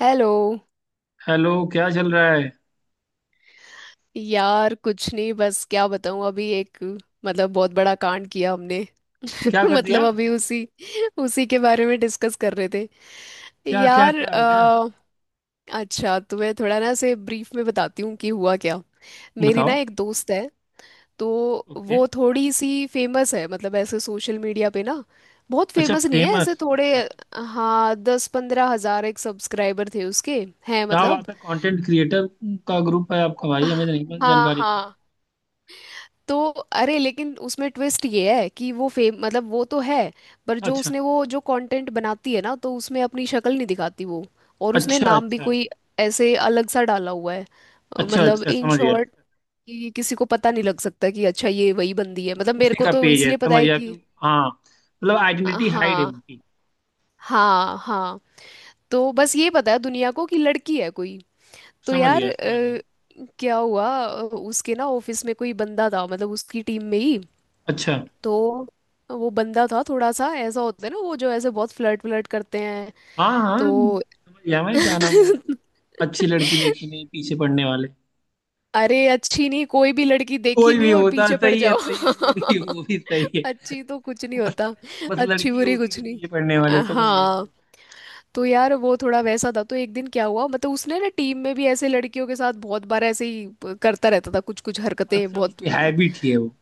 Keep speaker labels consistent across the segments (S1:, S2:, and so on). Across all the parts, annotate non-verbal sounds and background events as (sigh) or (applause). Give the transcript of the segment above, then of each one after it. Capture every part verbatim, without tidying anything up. S1: Hello.
S2: Hello, क्या चल रहा है।
S1: यार कुछ नहीं, बस क्या बताऊं। अभी एक मतलब बहुत बड़ा कांड किया हमने।
S2: क्या
S1: (laughs)
S2: कर दिया।
S1: मतलब अभी उसी उसी के बारे में डिस्कस कर रहे थे।
S2: क्या क्या
S1: यार
S2: क्या हो गया।
S1: अ, अच्छा, तुम्हें थोड़ा ना से ब्रीफ में बताती हूँ कि हुआ क्या। मेरी ना
S2: बताओ।
S1: एक दोस्त है। तो
S2: ओके।
S1: वो थोड़ी सी फेमस है, मतलब ऐसे सोशल मीडिया पे ना। बहुत
S2: अच्छा,
S1: फेमस नहीं है, ऐसे
S2: फेमस,
S1: थोड़े।
S2: अच्छा अच्छा।
S1: हाँ, दस पंद्रह हजार एक सब्सक्राइबर थे उसके। हैं
S2: क्या
S1: मतलब।
S2: बात है, कंटेंट क्रिएटर का ग्रुप है आपका, भाई हमें तो नहीं
S1: हाँ
S2: जानकारी थी।
S1: हाँ। तो अरे, लेकिन उसमें ट्विस्ट ये है कि वो फेम, मतलब वो तो है, पर जो
S2: अच्छा
S1: उसने वो जो कंटेंट बनाती है ना, तो उसमें अपनी शक्ल नहीं दिखाती वो। और उसने
S2: अच्छा।
S1: नाम भी
S2: अच्छा
S1: कोई ऐसे अलग सा डाला हुआ है। अ,
S2: अच्छा।
S1: मतलब
S2: अच्छा
S1: इन
S2: समझ गया,
S1: शॉर्ट कि किसी को पता नहीं लग सकता कि अच्छा ये वही बंदी है, मतलब मेरे
S2: उसी
S1: को
S2: का
S1: तो
S2: पेज है,
S1: इसलिए पता
S2: समझ
S1: है
S2: गया कि
S1: कि।
S2: हाँ, मतलब आइडेंटिटी हाइड है
S1: हाँ
S2: उनकी।
S1: हाँ हाँ। तो बस ये पता है दुनिया को कि लड़की है कोई। तो
S2: समझ
S1: यार
S2: गया समझ गया।
S1: अ, क्या हुआ, अ, उसके ना ऑफिस में कोई बंदा था, मतलब उसकी टीम में ही।
S2: अच्छा।
S1: तो वो बंदा था थोड़ा सा, ऐसा होता है ना वो जो ऐसे बहुत फ्लर्ट फ्लर्ट करते हैं।
S2: हाँ
S1: तो
S2: हाँ, समझ गया। मैं, क्या नाम है,
S1: (laughs)
S2: अच्छी लड़की देखी नहीं पीछे पड़ने वाले।
S1: अरे अच्छी नहीं, कोई भी लड़की देखी
S2: कोई भी
S1: नहीं और
S2: होता,
S1: पीछे पड़
S2: सही है
S1: जाओ।
S2: सही है, वो भी वो भी सही है।
S1: (laughs) अच्छी तो कुछ नहीं
S2: बस,
S1: होता।
S2: बस
S1: अच्छी
S2: लड़की हो
S1: बुरी
S2: उसी
S1: कुछ
S2: के
S1: नहीं।
S2: पीछे पड़ने वाले,
S1: अ,
S2: समझ गए।
S1: हाँ। तो यार वो थोड़ा वैसा था। तो एक दिन क्या हुआ, मतलब उसने ना टीम में भी ऐसे लड़कियों के साथ बहुत बार ऐसे ही प- करता रहता था, कुछ कुछ हरकतें
S2: अच्छा,
S1: बहुत।
S2: उसकी हैबिट ही है वो।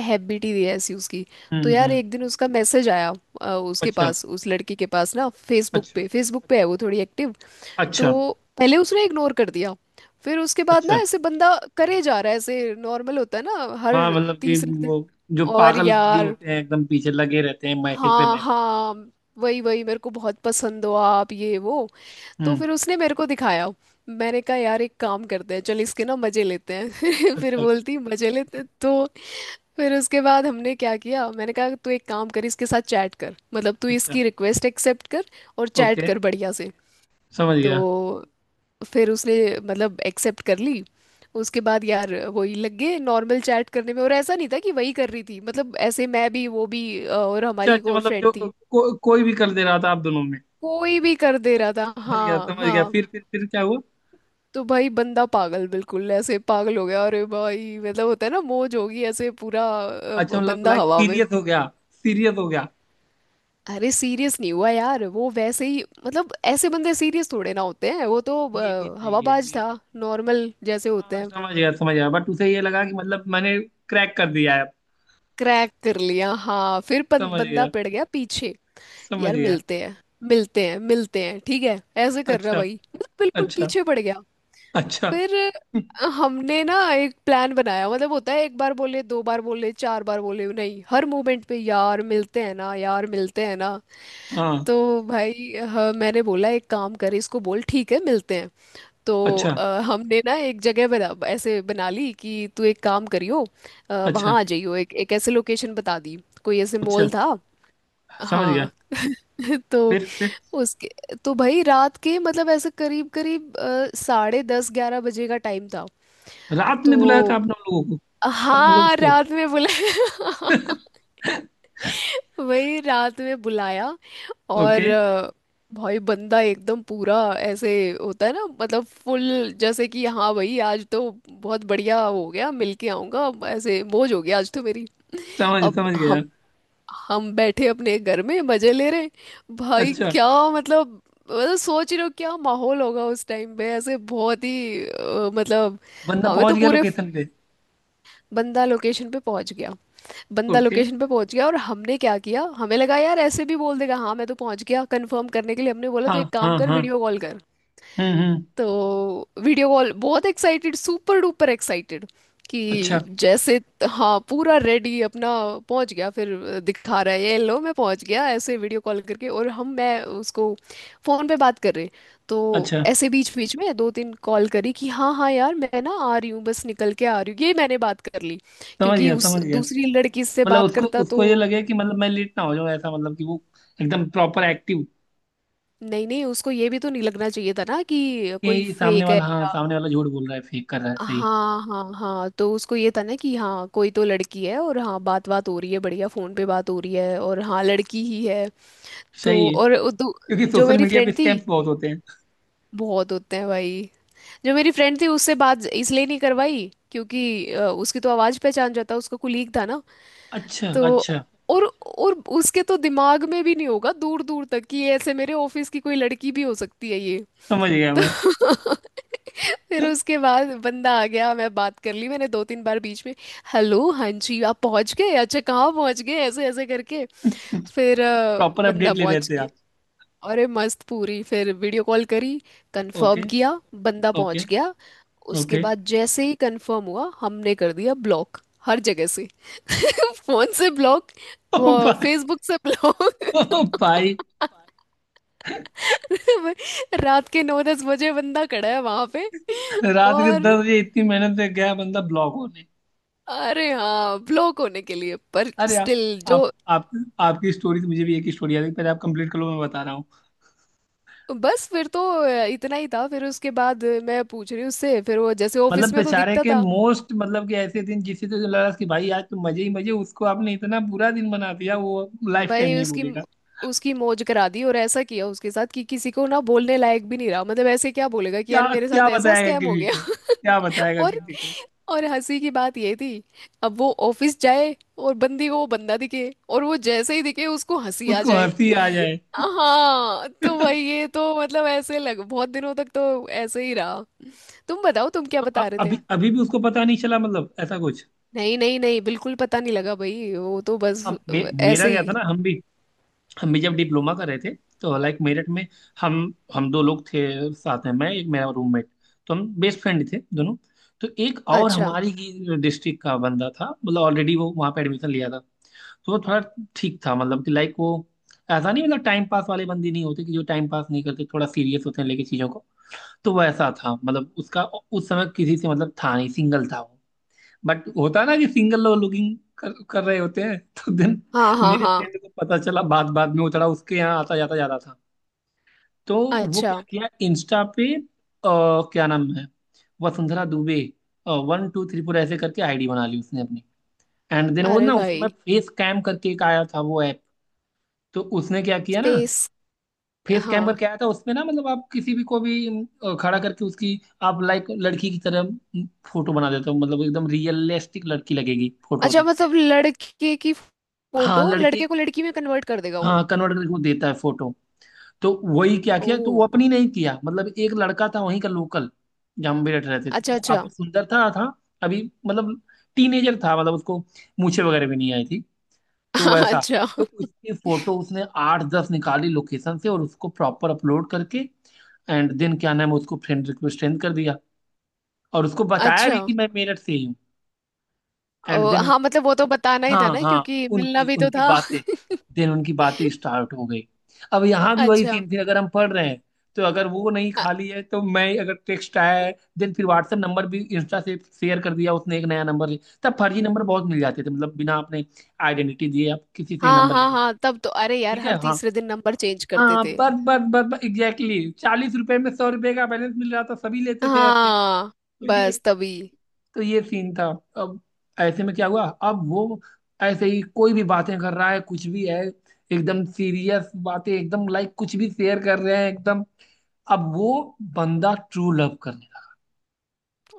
S1: हैप्पी टी दी है ऐसी उसकी। तो
S2: हम्म
S1: यार
S2: हम्म।
S1: एक दिन उसका मैसेज आया। अ, उसके
S2: अच्छा
S1: पास, उस लड़की के पास ना, फेसबुक
S2: अच्छा।
S1: पे, फेसबुक पे है वो थोड़ी एक्टिव। तो
S2: अच्छा
S1: पहले उसने इग्नोर कर दिया। फिर उसके बाद ना
S2: अच्छा।
S1: ऐसे बंदा करे जा रहा है, ऐसे नॉर्मल होता है ना, हर
S2: हाँ मतलब कि
S1: तीसरे दिन।
S2: वो जो
S1: और
S2: पागल भी
S1: यार
S2: होते हैं एकदम पीछे लगे रहते हैं, मैसेज पे
S1: हाँ
S2: मैसेज।
S1: हाँ वही वही मेरे को बहुत पसंद हो आप, ये वो। तो
S2: हम्म।
S1: फिर उसने मेरे को दिखाया। मैंने कहा यार एक काम करते हैं, चल इसके ना मजे लेते हैं। (laughs) फिर
S2: अच्छा।
S1: बोलती मजे लेते हैं।" तो फिर उसके बाद हमने क्या किया, मैंने कहा तू एक काम कर, इसके साथ चैट कर, मतलब तू
S2: अच्छा।
S1: इसकी रिक्वेस्ट एक्सेप्ट कर और चैट
S2: ओके।
S1: कर बढ़िया से।
S2: समझ गया।
S1: तो फिर उसने मतलब एक्सेप्ट कर ली। उसके बाद यार वही लग गए नॉर्मल चैट करने में, और ऐसा नहीं था कि वही कर रही थी, मतलब ऐसे मैं भी वो भी अ, और
S2: अच्छा
S1: हमारी एक
S2: अच्छा,
S1: और
S2: मतलब जो
S1: फ्रेंड थी।
S2: को, कोई भी कर दे रहा था आप दोनों में।
S1: कोई भी कर दे रहा था,
S2: समझ गया
S1: हाँ
S2: समझ गया।
S1: हाँ।
S2: फिर फिर फिर क्या हुआ।
S1: तो भाई बंदा पागल, बिल्कुल ऐसे पागल हो गया। अरे भाई मतलब होता है ना, मौज होगी, ऐसे पूरा अ,
S2: अच्छा मतलब
S1: बंदा
S2: लाइक
S1: हवा में।
S2: सीरियस हो गया, सीरियस हो गया।
S1: अरे सीरियस नहीं हुआ यार, वो वैसे ही मतलब, ऐसे बंदे सीरियस थोड़े ना होते हैं, वो तो
S2: ये भी
S1: अ,
S2: सही है,
S1: हवाबाज
S2: ये भी
S1: था,
S2: सही
S1: नॉर्मल जैसे
S2: है।
S1: होते
S2: हाँ
S1: हैं।
S2: समझ गया समझ गया, बट उसे ये लगा कि मतलब मैंने क्रैक कर दिया है।
S1: क्रैक कर लिया हाँ। फिर बन,
S2: समझ
S1: बंदा
S2: गया
S1: पड़ गया पीछे।
S2: समझ
S1: यार
S2: गया।
S1: मिलते हैं, मिलते हैं मिलते हैं, ठीक है। ऐसे कर रहा
S2: अच्छा।
S1: भाई। बिल्कुल
S2: अच्छा।
S1: पीछे पड़ गया।
S2: अच्छा।
S1: फिर हमने ना एक प्लान बनाया, मतलब होता है एक बार बोले, दो बार बोले, चार बार बोले नहीं, हर मोमेंट पे यार मिलते हैं ना, यार मिलते हैं ना।
S2: हाँ।
S1: तो भाई हाँ, मैंने बोला एक काम कर, इसको बोल ठीक है मिलते हैं। तो
S2: अच्छा।
S1: अ, हमने ना एक जगह बना, ऐसे बना ली, कि तू एक काम करियो, अ,
S2: अच्छा।
S1: वहाँ आ जाइयो, एक एक ऐसे लोकेशन बता दी। कोई ऐसे
S2: अच्छा।
S1: मॉल था।
S2: समझ गया।
S1: हाँ। (laughs) तो
S2: फिर फिर
S1: उसके तो भाई रात के, मतलब ऐसे करीब करीब अ, साढ़े दस ग्यारह बजे का टाइम था।
S2: रात में बुलाया था
S1: तो
S2: आपने उन लोगों को। हाँ, मतलब
S1: हाँ,
S2: उसको।
S1: रात में बुलाया। (laughs)
S2: (laughs)
S1: वही रात में बुलाया। और
S2: ओके।
S1: अ, भाई बंदा एकदम पूरा ऐसे होता है ना मतलब फुल, जैसे कि हाँ भाई आज तो बहुत बढ़िया हो गया मिल के आऊंगा, अब ऐसे मौज हो गया आज तो मेरी।
S2: समझ,
S1: अब
S2: समझ गया।
S1: हम हम बैठे अपने घर में मजे ले रहे हैं। भाई
S2: अच्छा,
S1: क्या मतलब, मतलब सोच रहे हो क्या माहौल होगा उस टाइम पे, ऐसे बहुत ही अ, मतलब।
S2: बंदा
S1: हमें
S2: पहुंच
S1: तो
S2: गया
S1: पूरे।
S2: लोकेशन पे।
S1: बंदा लोकेशन पे पहुंच गया। बंदा
S2: ओके।
S1: लोकेशन पे पहुंच गया और हमने क्या किया, हमें लगा यार ऐसे भी बोल देगा हाँ मैं तो पहुंच गया, कंफर्म करने के लिए हमने बोला
S2: हाँ
S1: तो एक काम
S2: हाँ
S1: कर,
S2: हाँ।
S1: वीडियो कॉल कर।
S2: हम्म हम्म।
S1: तो वीडियो कॉल, बहुत एक्साइटेड, सुपर डुपर एक्साइटेड,
S2: अच्छा।
S1: कि जैसे हाँ पूरा रेडी अपना। पहुंच गया फिर दिखा रहा है ये लो मैं पहुंच गया ऐसे वीडियो कॉल करके, और हम मैं उसको फोन पे बात कर रहे। तो
S2: अच्छा,
S1: ऐसे बीच बीच में दो तीन कॉल करी कि हाँ हाँ यार मैं ना आ रही हूँ, बस निकल के आ रही हूँ, ये मैंने बात कर ली।
S2: समझ
S1: क्योंकि
S2: गया
S1: उस
S2: समझ गया,
S1: दूसरी लड़की से
S2: मतलब
S1: बात
S2: उसको,
S1: करता तो।
S2: उसको ये लगे कि मतलब मैं लेट ना हो जाऊं ऐसा, मतलब कि वो एकदम प्रॉपर एक्टिव।
S1: नहीं नहीं, उसको ये भी तो नहीं लगना चाहिए था ना कि कोई
S2: कि सामने
S1: फेक है।
S2: वाला, हाँ, सामने वाला झूठ बोल रहा है, फेक कर रहा है। सही,
S1: हाँ हाँ हाँ, तो उसको ये था ना कि हाँ कोई तो लड़की है, और हाँ बात, बात हो रही है बढ़िया, फोन पे बात हो रही है, और हाँ लड़की ही है। तो
S2: सही।
S1: और उ- दू-
S2: क्योंकि
S1: जो
S2: सोशल
S1: मेरी
S2: मीडिया पे
S1: फ्रेंड थी।
S2: स्कैम्स बहुत होते हैं।
S1: बहुत होते हैं भाई। जो मेरी फ्रेंड थी, उससे बात इसलिए नहीं करवाई क्योंकि अ, उसकी तो आवाज़ पहचान जाता, उसका कुलीग था ना।
S2: अच्छा
S1: तो
S2: अच्छा,
S1: और और। उसके तो दिमाग में भी नहीं होगा दूर दूर तक कि ऐसे मेरे ऑफिस की कोई लड़की भी हो सकती है ये।
S2: समझ गया मैं।
S1: तो (laughs) फिर उसके बाद बंदा आ गया, मैं बात कर ली, मैंने दो तीन बार बीच में हेलो हाँ जी आप पहुंच गए, अच्छा कहाँ पहुंच गए, ऐसे ऐसे करके।
S2: (laughs)
S1: फिर अ,
S2: प्रॉपर
S1: बंदा
S2: अपडेट ले रहे
S1: पहुंच
S2: थे
S1: गया।
S2: आप।
S1: अरे मस्त पूरी, फिर वीडियो कॉल करी,
S2: ओके।
S1: कंफर्म किया, बंदा
S2: ओके।
S1: पहुंच गया। उसके
S2: ओके।
S1: बाद जैसे ही कंफर्म हुआ, हमने कर दिया ब्लॉक हर जगह से। (laughs) फोन से ब्लॉक,
S2: ओ
S1: वो
S2: भाई,
S1: फेसबुक से
S2: ओ
S1: ब्लॉक। (laughs)
S2: भाई,
S1: (laughs) रात के नौ दस बजे बंदा खड़ा है वहां पे।
S2: रात के
S1: और
S2: दस बजे इतनी मेहनत से गया बंदा ब्लॉक होने।
S1: अरे हाँ, ब्लॉक होने के लिए, पर
S2: अरे आप
S1: स्टिल जो।
S2: आप आप आपकी स्टोरी से मुझे भी एक ही स्टोरी आ गई, पहले आप कंप्लीट करो, मैं बता रहा हूँ।
S1: बस फिर तो इतना ही था। फिर उसके बाद मैं पूछ रही हूँ उससे, फिर वो जैसे
S2: मतलब
S1: ऑफिस में तो
S2: बेचारे
S1: दिखता
S2: के
S1: था।
S2: मोस्ट, मतलब कि ऐसे दिन जिससे तो लगा कि भाई आज तो मजे ही मजे, उसको आपने इतना बुरा दिन बना दिया, वो लाइफ टाइम
S1: भाई
S2: नहीं
S1: उसकी,
S2: भूलेगा।
S1: उसकी मौज करा दी, और ऐसा किया उसके साथ कि किसी को ना बोलने लायक भी नहीं रहा, मतलब ऐसे क्या बोलेगा कि
S2: क्या
S1: यार मेरे
S2: क्या
S1: साथ ऐसा
S2: बताएगा
S1: स्कैम हो
S2: किसी
S1: गया।
S2: को, क्या बताएगा
S1: और
S2: किसी को।
S1: और हंसी की बात ये थी। अब वो ऑफिस जाए और बंदी को वो बंदा दिखे, और वो जैसे ही दिखे उसको हंसी आ
S2: उसको
S1: जाए।
S2: हंसी आ जाए। (laughs)
S1: हाँ तो वही, ये तो मतलब ऐसे लग, बहुत दिनों तक तो ऐसे ही रहा। तुम बताओ तुम क्या
S2: तो अ-
S1: बता रहे थे।
S2: अभी अभी भी उसको पता नहीं चला मतलब, ऐसा कुछ।
S1: नहीं नहीं नहीं, बिल्कुल पता नहीं लगा भाई, वो तो बस
S2: हम मे,
S1: अ,
S2: मेरा
S1: ऐसे
S2: क्या
S1: ही।
S2: था ना, हम भी हम भी जब डिप्लोमा कर रहे थे, तो लाइक मेरठ में, हम हम दो लोग थे साथ में, मैं एक मेरा रूममेट, तो हम बेस्ट फ्रेंड थे दोनों। तो एक और
S1: अच्छा।
S2: हमारी ही डिस्ट्रिक्ट का बंदा था, मतलब ऑलरेडी वो वहाँ पे एडमिशन लिया था। तो वो थोड़ा ठीक था, मतलब कि लाइक वो ऐसा नहीं, मतलब टाइम पास वाले बंदे नहीं होते कि जो, टाइम पास नहीं करते, थोड़ा सीरियस होते हैं लेके चीज़ों को। तो वैसा था, मतलब उसका उस समय किसी से मतलब था नहीं, सिंगल था वो। बट होता है ना कि सिंगल लोग लुकिंग कर, कर रहे होते हैं। (laughs) तो दिन,
S1: हाँ हाँ
S2: मेरे
S1: हाँ।
S2: फ्रेंड को पता चला बाद बाद में, वो थोड़ा उसके यहाँ आता जाता जाता था। तो वो
S1: अच्छा।
S2: क्या किया, इंस्टा पे अ, क्या नाम है, Vasundhara Dubey one two three four ऐसे करके आईडी बना ली उसने अपनी। एंड देन वो
S1: अरे
S2: ना उस समय
S1: भाई।
S2: फेस कैम करके एक आया था वो ऐप, तो उसने क्या किया ना,
S1: फेस।
S2: फेस कैम
S1: हाँ।
S2: करके आया था उसमें ना, मतलब आप किसी भी को भी, अ, खड़ा करके उसकी आप लाइक लड़की की तरह फोटो बना देते हो, मतलब एकदम रियलिस्टिक लड़की लगेगी फोटो
S1: अच्छा,
S2: से।
S1: मतलब लड़के की
S2: हाँ
S1: फोटो,
S2: लड़की,
S1: लड़के को लड़की में कन्वर्ट कर देगा वो।
S2: हाँ, कन्वर्ट करके वो देता है फोटो। तो वही क्या
S1: ओ
S2: किया, तो वो अपनी नहीं किया, मतलब एक लड़का था वहीं का लोकल, जहाँ हम भी रहते रहते थे, तो
S1: अच्छा
S2: वो
S1: अच्छा।
S2: काफी सुंदर था था अभी मतलब टीनेजर था, मतलब उसको मूछें वगैरह भी नहीं आई थी।
S1: (laughs)
S2: तो
S1: हाँ,
S2: वैसा,
S1: अच्छा
S2: तो उसकी फोटो उसने आठ दस निकाली लोकेशन से, और उसको प्रॉपर अपलोड करके एंड देन, क्या नाम है, उसको फ्रेंड रिक्वेस्ट सेंड कर दिया। और उसको बताया
S1: अच्छा।
S2: भी कि मैं मेरठ से ही हूँ। एंड
S1: ओ,
S2: देन
S1: हाँ मतलब वो तो बताना ही था
S2: हाँ
S1: ना,
S2: हाँ,
S1: क्योंकि मिलना
S2: उनकी
S1: भी तो
S2: उनकी
S1: था।
S2: बातें,
S1: (laughs)
S2: देन उनकी बातें स्टार्ट हो गई। अब यहाँ भी वही
S1: अच्छा।
S2: सेम थिंग, अगर हम पढ़ रहे हैं तो, अगर वो नहीं
S1: अ-
S2: खाली है तो मैं, अगर टेक्स्ट आया है देन, फिर व्हाट्सएप नंबर भी इंस्टा से शेयर कर दिया उसने। एक नया नंबर ले, तब फर्जी नंबर बहुत मिल जाते थे, मतलब बिना आपने आइडेंटिटी दिए आप किसी से
S1: हाँ
S2: नंबर ले
S1: हाँ
S2: लो।
S1: हाँ, तब तो अरे यार
S2: ठीक
S1: हर
S2: है हाँ
S1: तीसरे दिन नंबर चेंज करते
S2: हाँ,
S1: थे।
S2: बस बस बस बस, एग्जैक्टली चालीस रुपए में सौ रुपए का बैलेंस मिल रहा था, सभी लेते थे ऐसे।
S1: हाँ,
S2: तो ये,
S1: बस तभी।
S2: तो ये सीन था। अब ऐसे में क्या हुआ, अब वो ऐसे ही कोई भी बातें कर रहा है, कुछ भी है, एकदम सीरियस बातें, एकदम लाइक कुछ भी शेयर कर रहे हैं एकदम। अब वो बंदा ट्रू लव करने लगा।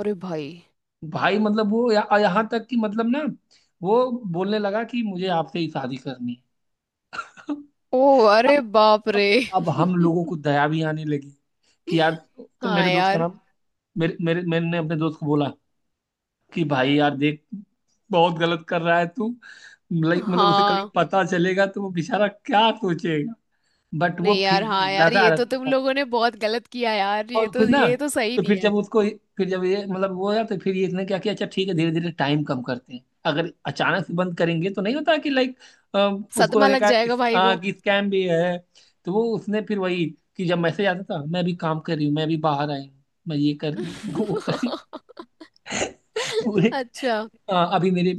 S1: अरे भाई।
S2: भाई, मतलब वो या, यहाँ तक कि मतलब ना, वो बोलने लगा कि मुझे आपसे ही शादी करनी है।
S1: ओ।
S2: (laughs)
S1: अरे
S2: अब
S1: बाप रे।
S2: अब अब हम लोगों को
S1: (laughs)
S2: दया भी आने लगी कि यार, तो
S1: हाँ
S2: मेरे दोस्त का
S1: यार।
S2: नाम, मेरे मेरे मैंने अपने दोस्त को बोला कि भाई यार देख, बहुत गलत कर रहा है तू, लाइक मतलब उसे कभी
S1: हाँ।
S2: पता चलेगा तो वो बेचारा क्या सोचेगा। बट
S1: नहीं
S2: वो
S1: यार,
S2: फिर भी
S1: हाँ यार
S2: लगा
S1: ये तो
S2: रहता
S1: तुम
S2: था।
S1: लोगों ने बहुत गलत किया यार, ये
S2: और फिर
S1: तो
S2: ना,
S1: ये तो सही
S2: तो
S1: नहीं
S2: फिर
S1: है।
S2: जब उसको, फिर जब ये मतलब वो यार, तो फिर ये इसने क्या किया, अच्छा ठीक है धीरे धीरे टाइम कम करते हैं, अगर अचानक से बंद करेंगे तो नहीं होता कि लाइक उसको
S1: सदमा लग
S2: लगेगा
S1: जाएगा
S2: इस,
S1: भाई
S2: आ,
S1: को।
S2: कि स्कैम भी है। तो वो उसने फिर वही, कि जब मैसेज आता था, मैं भी काम कर रही हूँ, मैं भी बाहर आई हूँ, मैं ये कर रही हूँ, (laughs) वो कर रही हूँ पूरे।
S1: अच्छा।
S2: हाँ, अभी मेरी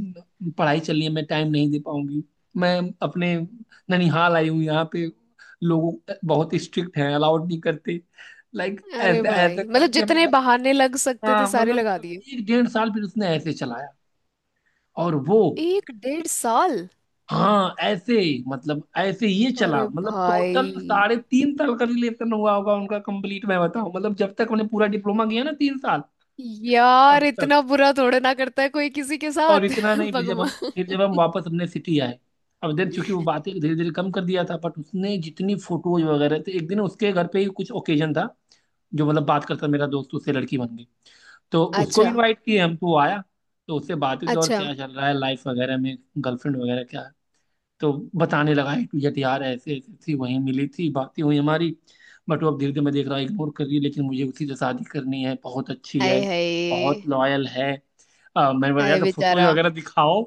S2: पढ़ाई चल रही है मैं टाइम नहीं दे पाऊंगी, मैं अपने ननिहाल आई हूँ यहाँ पे, लोग बहुत स्ट्रिक्ट हैं अलाउड नहीं करते, लाइक
S1: अरे
S2: ऐसे ऐसे
S1: भाई, मतलब
S2: करके हमने
S1: जितने
S2: like,
S1: बहाने लग सकते थे
S2: हाँ
S1: सारे
S2: मतलब
S1: लगा।
S2: एक डेढ़ साल फिर उसने ऐसे चलाया। और वो
S1: एक डेढ़ साल।
S2: हाँ ऐसे, मतलब ऐसे ये चला,
S1: अरे
S2: मतलब टोटल
S1: भाई।
S2: साढ़े तीन साल का रिलेशन हुआ होगा उनका कंप्लीट, मैं बताऊं, मतलब जब तक हमने पूरा डिप्लोमा किया ना, तीन साल
S1: यार
S2: तब तक।
S1: इतना बुरा थोड़े ना करता है कोई किसी के
S2: और
S1: साथ।
S2: इतना
S1: (laughs)
S2: नहीं, फिर जब हम,
S1: भगवान।
S2: फिर जब हम वापस अपने सिटी आए, अब देन चूंकि वो बातें धीरे धीरे कम कर दिया था, बट उसने जितनी फोटोज वगैरह थे, एक दिन उसके घर पे ही कुछ ओकेजन था, जो मतलब बात करता मेरा दोस्त उससे लड़की बन गई, तो उसको
S1: अच्छा
S2: इनवाइट किए हम, तो वो आया। तो उससे बातें की और
S1: अच्छा।
S2: क्या चल रहा है लाइफ वगैरह में, गर्लफ्रेंड वगैरह क्या, तो बताने लगा ए टू जेड, यार ऐसे ऐसे थी, वहीं मिली थी, बातें हुई हमारी, बट वो अब धीरे धीरे मैं देख रहा इग्नोर कर रही है, लेकिन मुझे उसी से शादी करनी है, बहुत अच्छी
S1: आए
S2: है, बहुत
S1: हाय।
S2: लॉयल है। अ, मैंने बोला यार
S1: आए
S2: तो फोटोज
S1: बेचारा।
S2: वगैरह दिखाओ,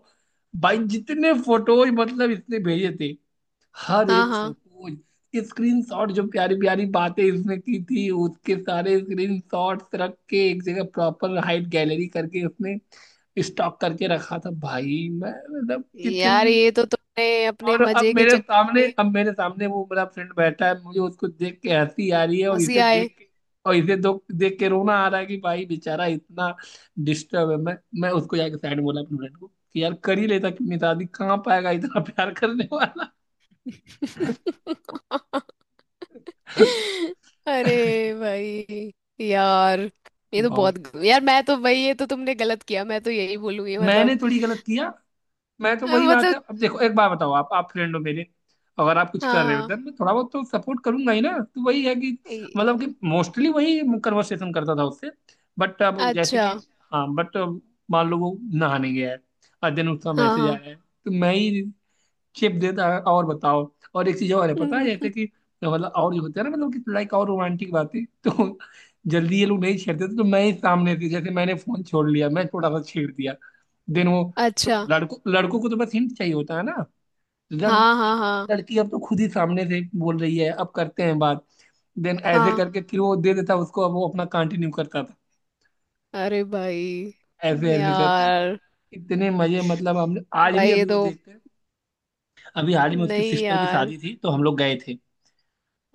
S2: भाई जितने फोटोज मतलब इसने भेजे थे, हर
S1: हाँ
S2: एक
S1: हाँ,
S2: फोटोज, स्क्रीनशॉट, जो प्यारी प्यारी बातें इसने की थी उसके सारे स्क्रीनशॉट्स रख के एक जगह प्रॉपर हाइट गैलरी करके उसने स्टॉक करके रखा था। भाई मैं मतलब
S1: यार
S2: इतनी,
S1: ये तो तुमने अपने
S2: और अब
S1: मजे के
S2: मेरे
S1: चक्कर
S2: सामने,
S1: में।
S2: अब मेरे सामने वो मेरा फ्रेंड बैठा है, मुझे उसको देख के हंसी आ रही है, और
S1: हंसी
S2: इसे
S1: आए।
S2: देख के, और इसे दो देख के रोना आ रहा है कि भाई बेचारा इतना डिस्टर्ब है। मैं मैं उसको जाके साइड में बोला अपने फ्रेंड को कि यार कर ही लेता कि, अपनी शादी कहाँ पाएगा इतना प्यार करने वाला।
S1: (laughs) अरे
S2: (laughs)
S1: भाई। यार ये तो
S2: बहुत,
S1: बहुत ग- यार, मैं तो भाई ये तो तुमने गलत किया, मैं तो यही बोलूंगी,
S2: मैंने
S1: मतलब।
S2: थोड़ी गलत किया, मैं तो
S1: अ,
S2: वही बात है,
S1: मतलब।
S2: अब देखो एक बात बताओ, आप आप फ्रेंड हो मेरे, अगर आप कुछ
S1: हाँ
S2: कर रहे हो
S1: हाँ।
S2: देन मैं थोड़ा बहुत तो सपोर्ट करूंगा ही ना। तो वही है कि मतलब
S1: ए-
S2: कि मोस्टली वही कन्वर्सेशन करता था उससे, बट अब जैसे
S1: अच्छा।
S2: कि हाँ बट, मान लो वो नहाने गया है और देन उसका
S1: हाँ
S2: मैसेज
S1: हाँ।
S2: आया है, तो मैं ही शेप देता है और बताओ। और एक चीज और है पता है, जैसे
S1: (laughs)
S2: कि मतलब और जो होता है ना, मतलब कि लाइक और रोमांटिक बातें तो जल्दी ये लोग नहीं छेड़ते थे, तो मैं ही सामने से, जैसे मैंने फोन छोड़ लिया, मैं थोड़ा सा छेड़ दिया, देन वो, तो
S1: अच्छा।
S2: लड़कों लड़कों को तो बस हिंट चाहिए होता है ना, तो जन
S1: हाँ
S2: कि
S1: हाँ हाँ
S2: लड़की अब तो खुद ही सामने से बोल रही है अब करते हैं बात। देन ऐसे
S1: हाँ।
S2: करके फिर वो दे देता, उसको अब वो अपना कंटिन्यू करता था
S1: अरे भाई।
S2: ऐसे ऐसे करके।
S1: यार।
S2: इतने मजे, मतलब हमने आज भी
S1: भाई ये
S2: अभी वो
S1: तो।
S2: देखते हैं। अभी हाल ही में उसकी
S1: नहीं
S2: सिस्टर की
S1: यार।
S2: शादी थी तो हम लोग गए थे,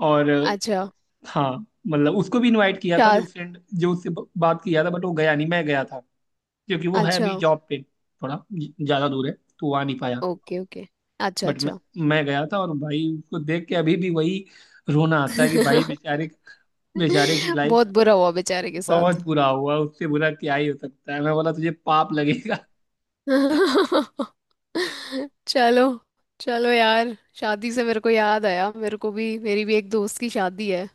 S2: और
S1: अच्छा।
S2: हाँ मतलब उसको भी इनवाइट किया था,
S1: शा।
S2: जो फ्रेंड जो उससे ब- बात किया था, बट वो गया नहीं, मैं गया था, क्योंकि वो है
S1: अच्छा।
S2: अभी जॉब पे, थोड़ा ज- ज्यादा दूर है तो वो आ नहीं पाया।
S1: Okay okay. अच्छा
S2: बट मैं
S1: अच्छा।
S2: मैं गया था, और भाई उसको देख के अभी भी वही रोना आता है कि भाई
S1: (laughs)
S2: बेचारे, बेचारे की लाइफ,
S1: बहुत बुरा हुआ बेचारे के साथ।
S2: बहुत बुरा हुआ, उससे बुरा क्या ही हो सकता है, मैं बोला तुझे पाप लगेगा।
S1: (laughs) चलो। चलो यार, शादी से मेरे को याद आया, मेरे को भी, मेरी भी एक दोस्त की शादी है।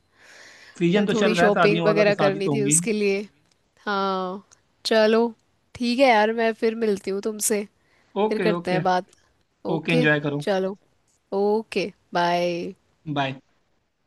S2: सीजन तो चल
S1: थोड़ी
S2: रहा है
S1: शॉपिंग
S2: शादियों वाला, तो
S1: वगैरह
S2: शादी
S1: करनी
S2: तो
S1: थी
S2: होंगी।
S1: उसके लिए। हाँ। चलो, ठीक है यार, मैं फिर मिलती हूँ तुमसे। फिर
S2: ओके
S1: करते
S2: ओके।
S1: हैं बात।
S2: Okay,
S1: okay.
S2: एंजॉय करो।
S1: चलो। Okay bye.
S2: बाय।